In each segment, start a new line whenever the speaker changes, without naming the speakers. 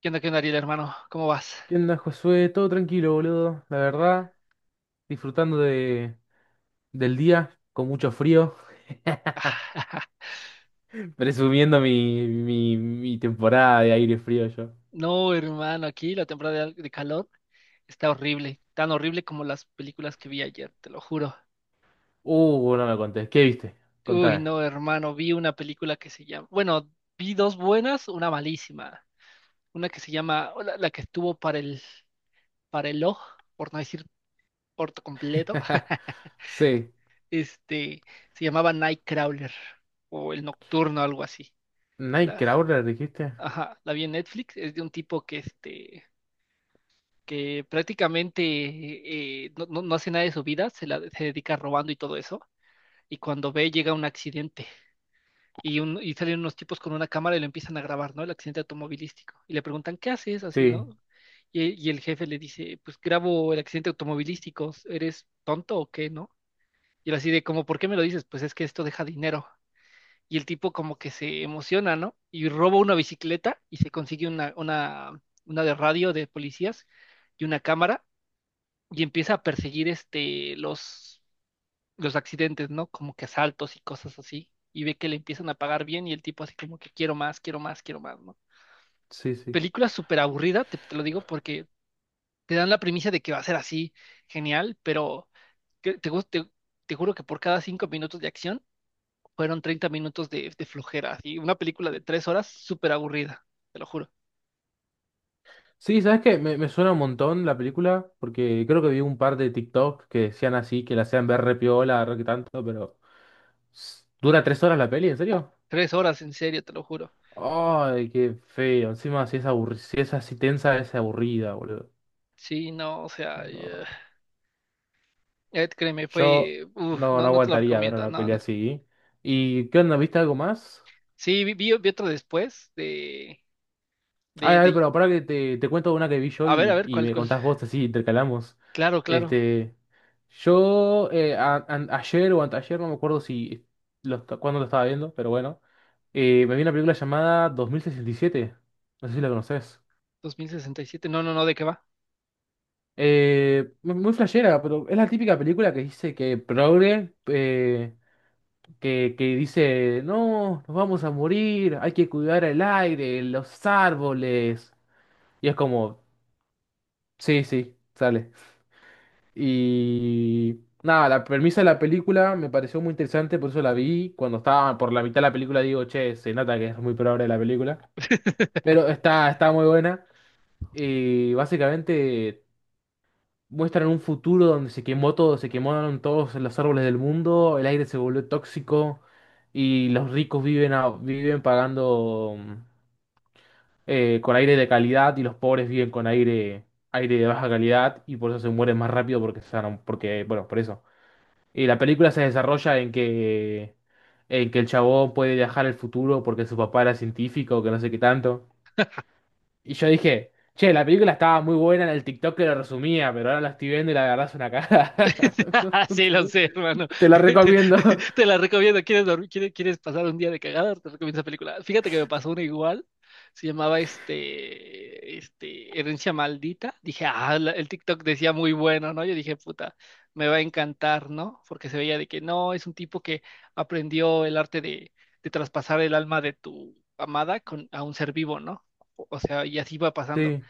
Qué onda, Ariel, hermano? ¿Cómo vas?
¿Qué onda, Josué? Todo tranquilo, boludo. La verdad, disfrutando del día con mucho frío. Presumiendo mi temporada de aire frío yo.
No, hermano, aquí la temporada de calor está horrible, tan horrible como las películas que vi ayer, te lo juro.
No me contés. ¿Qué viste?
Uy,
Contame.
no, hermano, vi una película que se llama, bueno, vi dos buenas, una malísima, una que se llama, o la que estuvo para para el ojo, por no decir por completo,
Sí.
este, se llamaba Nightcrawler o El Nocturno, algo así. La,
¿Nightcrawler dijiste?
ajá, la vi en Netflix. Es de un tipo que que prácticamente no hace nada de su vida, se, la, se dedica robando y todo eso, y cuando ve llega un accidente y, y salen unos tipos con una cámara y lo empiezan a grabar, ¿no? El accidente automovilístico, y le preguntan, ¿qué haces así,
Sí,
no? Y el jefe le dice, pues grabo el accidente automovilístico, ¿eres tonto o qué, no? Y él así de como, ¿por qué me lo dices? Pues es que esto deja dinero. Y el tipo como que se emociona, ¿no? Y roba una bicicleta y se consigue una de radio de policías y una cámara y empieza a perseguir los accidentes, ¿no? Como que asaltos y cosas así. Y ve que le empiezan a pagar bien y el tipo así como que quiero más, quiero más, quiero más, ¿no?
sí, sí.
Película súper aburrida, te lo digo porque te dan la premisa de que va a ser así genial, pero que te, gus- te juro que por cada 5 minutos de acción fueron 30 minutos de flojera, y una película de tres horas súper aburrida, te lo juro.
Sí, ¿sabes qué? Me suena un montón la película, porque creo que vi un par de TikTok que decían así, que la hacían ver re piola, re que tanto, pero… ¿Dura 3 horas la peli? ¿En serio?
Tres horas, en serio, te lo juro.
Ay, qué feo. Encima, si es así tensa, es aburrida, boludo.
Sí, no, o sea,
No.
créeme,
Yo
fue, uf, no,
no
no te lo
aguantaría ver
recomiendo,
una
no,
pelea
no.
así. ¿Y qué onda? ¿Viste algo más?
Sí, vi, vi otro después de,
Ay,
de,
a ver,
de-
pero para que te cuento una que vi yo
A ver,
y
¿cuál,
me
cuál?
contás vos, así intercalamos.
Claro, claro.
Este, yo ayer o anteayer, no me acuerdo si lo, est- cuándo lo estaba viendo, pero bueno. Me vi una película llamada 2067. No sé si la conoces.
2067. No, no, no, ¿de qué va?
Muy flashera, pero es la típica película que dice que progre, que dice, no, nos vamos a morir, hay que cuidar el aire, los árboles. Y es como, sí, sí, sale. Y nada, la premisa de la película me pareció muy interesante, por eso la vi. Cuando estaba por la mitad de la película digo, che, se nota que es muy progre la película. Pero está muy buena. Y básicamente… Muestran un futuro donde se quemó todo, se quemaron todos los árboles del mundo, el aire se volvió tóxico y los ricos viven, viven pagando con aire de calidad y los pobres viven con aire, aire de baja calidad y por eso se mueren más rápido porque, porque bueno, por eso. Y la película se desarrolla en que el chabón puede viajar al futuro porque su papá era científico, que no sé qué tanto. Y yo dije, che, la película estaba muy buena en el TikTok que lo resumía, pero ahora la estoy viendo y la verdad es una cagada. No, no
Sí,
te,
lo sé, hermano.
te la
Te, te
recomiendo.
te la recomiendo. ¿Quieres dormir? ¿Quieres, quieres pasar un día de cagada? Te recomiendo esa película. Fíjate que me pasó una igual. Se llamaba Herencia Maldita. Dije, ah, el TikTok decía muy bueno, ¿no? Yo dije, puta, me va a encantar, ¿no? Porque se veía de que no, es un tipo que aprendió el arte de traspasar el alma de tu amada con, a un ser vivo, ¿no? O sea, y así va pasando.
Sí,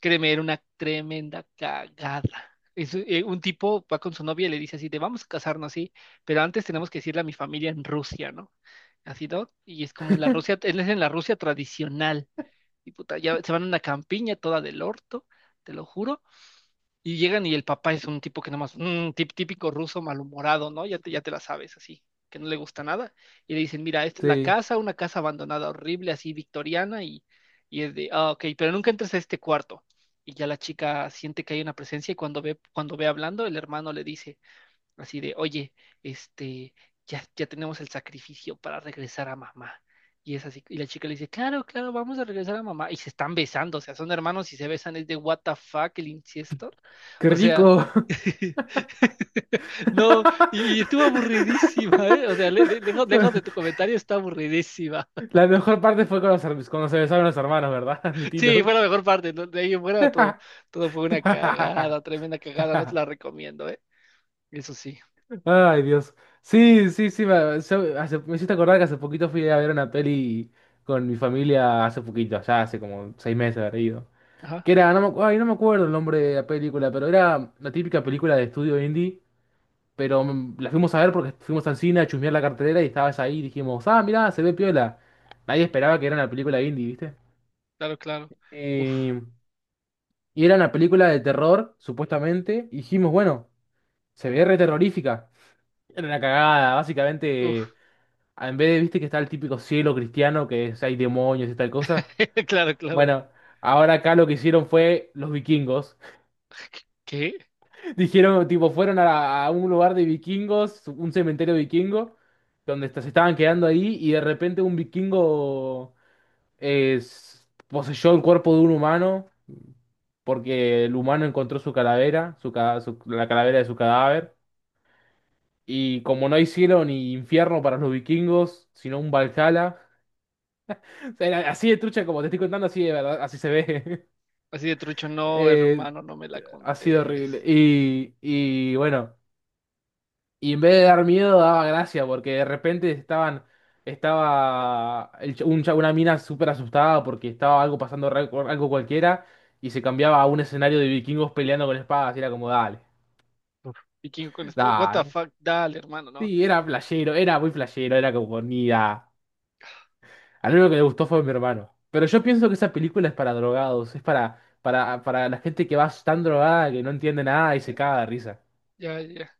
Créeme, era una tremenda cagada. Es, un tipo va con su novia y le dice así, te vamos a casarnos, sí, pero antes tenemos que decirle a mi familia en Rusia, ¿no? Así, ¿no? Y es como la Rusia, él es en la Rusia tradicional. Y puta, ya se van a una campiña toda del orto, te lo juro. Y llegan y el papá es un tipo que nomás, más, típico ruso malhumorado, ¿no? Ya te la sabes, así, que no le gusta nada. Y le dicen, mira, esta es la
sí.
casa, una casa abandonada, horrible, así, victoriana, y es de, ah, ok, pero nunca entres a este cuarto. Y ya la chica siente que hay una presencia y cuando ve hablando, el hermano le dice, así de, oye, este, ya tenemos el sacrificio para regresar a mamá. Y es así, y la chica le dice, claro, claro, vamos a regresar a mamá. Y se están besando, o sea, son hermanos y se besan, es de what the fuck el incesto.
¡Qué
O sea,
rico!
no, y estuvo aburridísima, ¿eh? O sea, lejos, lejos de tu comentario está aburridísima.
La mejor parte fue con los cuando se besaron los hermanos, ¿verdad?
Sí, fue
Admitilo.
la mejor parte, ¿no? De ahí en fuera todo, todo fue una cagada, tremenda cagada, no te la recomiendo, ¿eh? Eso sí.
Ay, Dios. Sí, sí, sí. Me hiciste acordar que hace poquito fui a ver una peli con mi familia, hace poquito, ya hace como 6 meses, habrá ido.
Ajá,
Que era, no me acuerdo el nombre de la película, pero era la típica película de estudio indie. Pero la fuimos a ver porque fuimos al cine a chusmear la cartelera y estabas ahí y dijimos, ah, mirá, se ve piola. Nadie esperaba que era una película indie, ¿viste?
claro, claro. Uf,
Eh, y era una película de terror, supuestamente. Y dijimos, bueno, se ve re terrorífica. Era una cagada, básicamente.
uf,
En vez de, viste, que está el típico cielo cristiano, hay demonios y tal cosa.
claro, claro.
Bueno, ahora acá lo que hicieron fue los vikingos.
¿Qué?
Dijeron, tipo, a un lugar de vikingos, un cementerio vikingo, se estaban quedando ahí y de repente un vikingo eh, poseyó el cuerpo de un humano porque el humano encontró su calavera, la calavera de su cadáver. Y como no hay cielo ni infierno para los vikingos, sino un Valhalla, o sea, era así de trucha como te estoy contando, así de verdad, así se ve.
Así de trucho, no,
Eh,
hermano, no me la
Ha sido
contés.
horrible. Y bueno. Y en vez de dar miedo, daba gracia, porque de repente estaba el ch- un cha- una mina súper asustada porque estaba algo pasando, algo cualquiera, y se cambiaba a un escenario de vikingos peleando con espadas, y era como,
Uf. Vikingo con espada, what the
dale.
fuck, dale, hermano, no.
Sí, era playero, era muy playero, era como, ni da. Al único que le gustó fue mi hermano. Pero yo pienso que esa película es para drogados, es para la gente que va tan drogada que no entiende nada y se
Ya,
caga de risa.
ya, ya.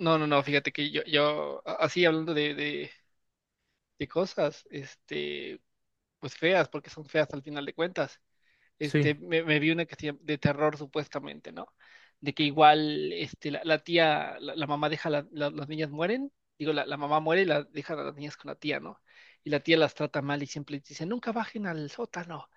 No, no, no, fíjate que así hablando de cosas, pues feas, porque son feas al final de cuentas.
Sí.
Me vi una que se llama- de terror supuestamente, ¿no? De que igual, la tía, la mamá deja, las niñas mueren, digo, la mamá muere y la, deja a las niñas con la tía, ¿no? Y la tía las trata mal y siempre les dice, nunca bajen al sótano.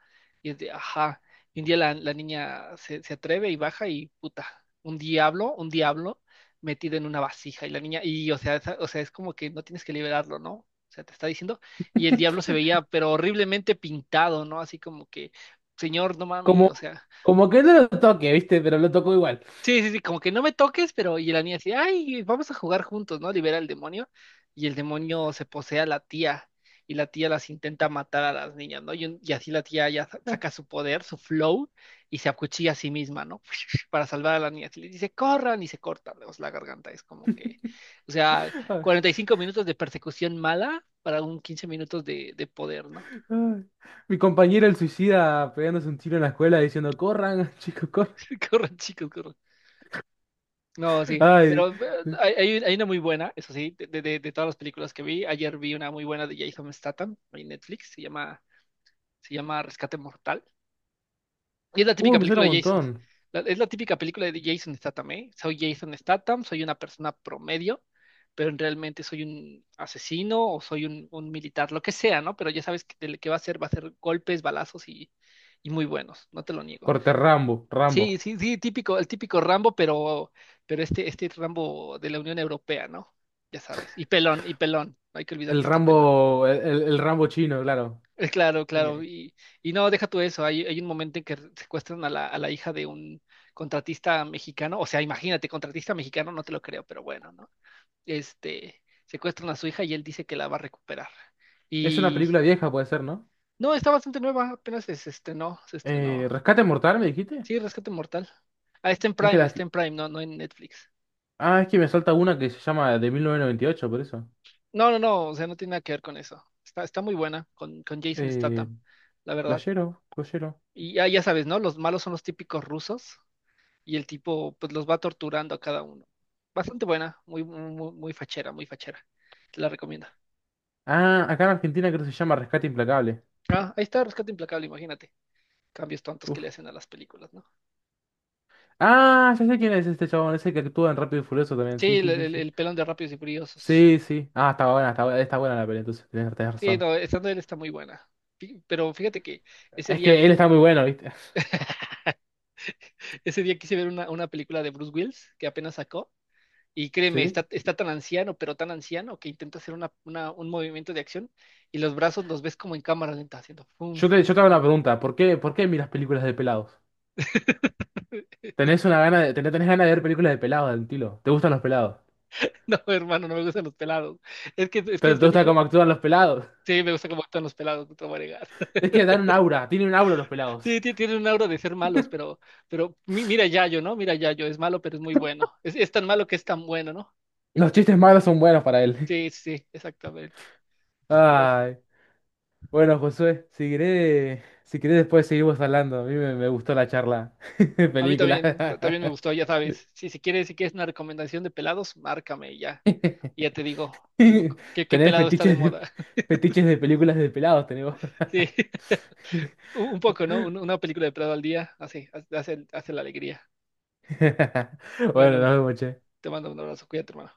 Y es de, ajá. Y un día la niña se, se atreve y baja y, puta, un diablo metido en una vasija. Y la niña, y, o sea, esa- o sea, es como que no tienes que liberarlo, ¿no? O sea, te está diciendo, y el diablo se veía, pero horriblemente pintado, ¿no? Así como que señor, no mami,
Como,
o sea,
como que no lo toque, ¿viste? Pero lo tocó igual.
sí, sí, sí, como que no me toques, pero y la niña así, ay, vamos a jugar juntos, ¿no? Libera al demonio y el demonio se posee a la tía y la tía las intenta matar a las niñas, ¿no? Y, y así la tía ya saca su poder, su flow y se acuchilla a sí misma, ¿no? Para salvar a las niñas y les dice, corran y se cortan pues, la garganta, es como que, o sea,
Ay,
45 minutos de persecución mala para un 15 minutos de poder, ¿no?
Ay. Mi compañero el suicida pegándose un tiro en la escuela diciendo, corran, chicos, corran.
Corran, chicos, corran. No, sí,
Ay,
pero hay una muy buena, eso sí, de, de todas las películas que vi. Ayer vi una muy buena de Jason Statham en Netflix, se llama Rescate Mortal. Y es la típica
me suena
película
un
de Jason.
montón.
La- es la típica película de Jason Statham, ¿eh? Soy Jason Statham, soy una persona promedio, pero realmente soy un asesino o soy un militar, lo que sea, ¿no? Pero ya sabes que de lo que va a ser golpes, balazos y muy buenos, no te lo niego.
Corte Rambo, Rambo.
Sí, sí, sí, típico, el típico Rambo, pero este Rambo de la Unión Europea, ¿no? Ya sabes. Y pelón, y pelón. No hay que olvidar
El
que está pelón.
Rambo, el Rambo chino, claro.
Claro, claro. Y no, deja tú eso. Hay un momento en que secuestran a a la hija de un contratista mexicano. O sea, imagínate, contratista mexicano, no te lo creo, pero bueno, ¿no? Secuestran a su hija y él dice que la va a recuperar.
Es una
Y
película vieja, puede ser, ¿no?
no, está bastante nueva, apenas se estrenó, se estrenó.
¿Rescate Mortal, me dijiste?
Sí, Rescate Mortal. Ah,
Es que las…
Está en Prime, no, no en Netflix.
Ah, es que me salta una que se llama de 1998 por eso.
No, no, no, o sea, no tiene nada que ver con eso. Está, está muy buena con Jason
Eh,
Statham, la verdad.
playero, playero.
Y ya, ya sabes, ¿no? Los malos son los típicos rusos y el tipo pues los va torturando a cada uno. Bastante buena, muy, muy, muy fachera, muy fachera. Te la recomiendo.
Ah, acá en Argentina creo que se llama Rescate Implacable.
Ah, ahí está Rescate Implacable, imagínate. Cambios tontos que
Uf.
le hacen a las películas, ¿no?
Ah, ya sé quién es este chabón, ese que actúa en Rápido y Furioso también.
Sí,
Sí,
el,
sí, sí, sí.
el pelón de Rápidos y Furiosos.
Sí, sí. Ah, está buena, está buena, está buena la peli, entonces tenés, tenés
Sí,
razón.
no, esta de él está muy buena. Pero fíjate que ese
Es
día,
que él está muy bueno, ¿viste?
ese día quise ver una película de Bruce Willis que apenas sacó. Y créeme,
Sí.
está, está tan anciano, pero tan anciano, que intenta hacer una, un movimiento de acción y los brazos los ves como en cámara lenta, haciendo fum, fum,
Yo te hago una
fum.
pregunta, ¿por qué miras películas de pelados? ¿Tenés ganas de ver películas de pelados del estilo? ¿Te gustan los pelados?
No, hermano, no me gustan los pelados. Es que
¿Pero te
yo
gusta
dije,
cómo actúan los pelados?
sí, me gusta cómo actúan los pelados, no te voy a negar.
Es que dan un aura, tienen un aura los pelados.
Sí, tienen un aura de ser malos, pero mira Yayo, ¿no? Mira Yayo, es malo, pero es muy bueno. Es tan malo que es tan bueno, ¿no?
Los chistes malos son buenos para él.
Sí, sí, sí, exactamente.
Ay. Bueno, Josué, si querés después seguimos hablando. A mí me gustó la charla de
A mí
película.
también, también me gustó, ya sabes. Sí, si quieres, si quieres una recomendación de pelados, márcame y ya. Y ya te digo, qué, qué
Tener
pelado está de moda.
fetiches de películas de pelados, tenemos.
Sí, un poco, ¿no? Una película de pelado al día hace, hace, hace la alegría.
Bueno,
Bueno,
nos vemos, che.
te mando un abrazo, cuídate, hermano.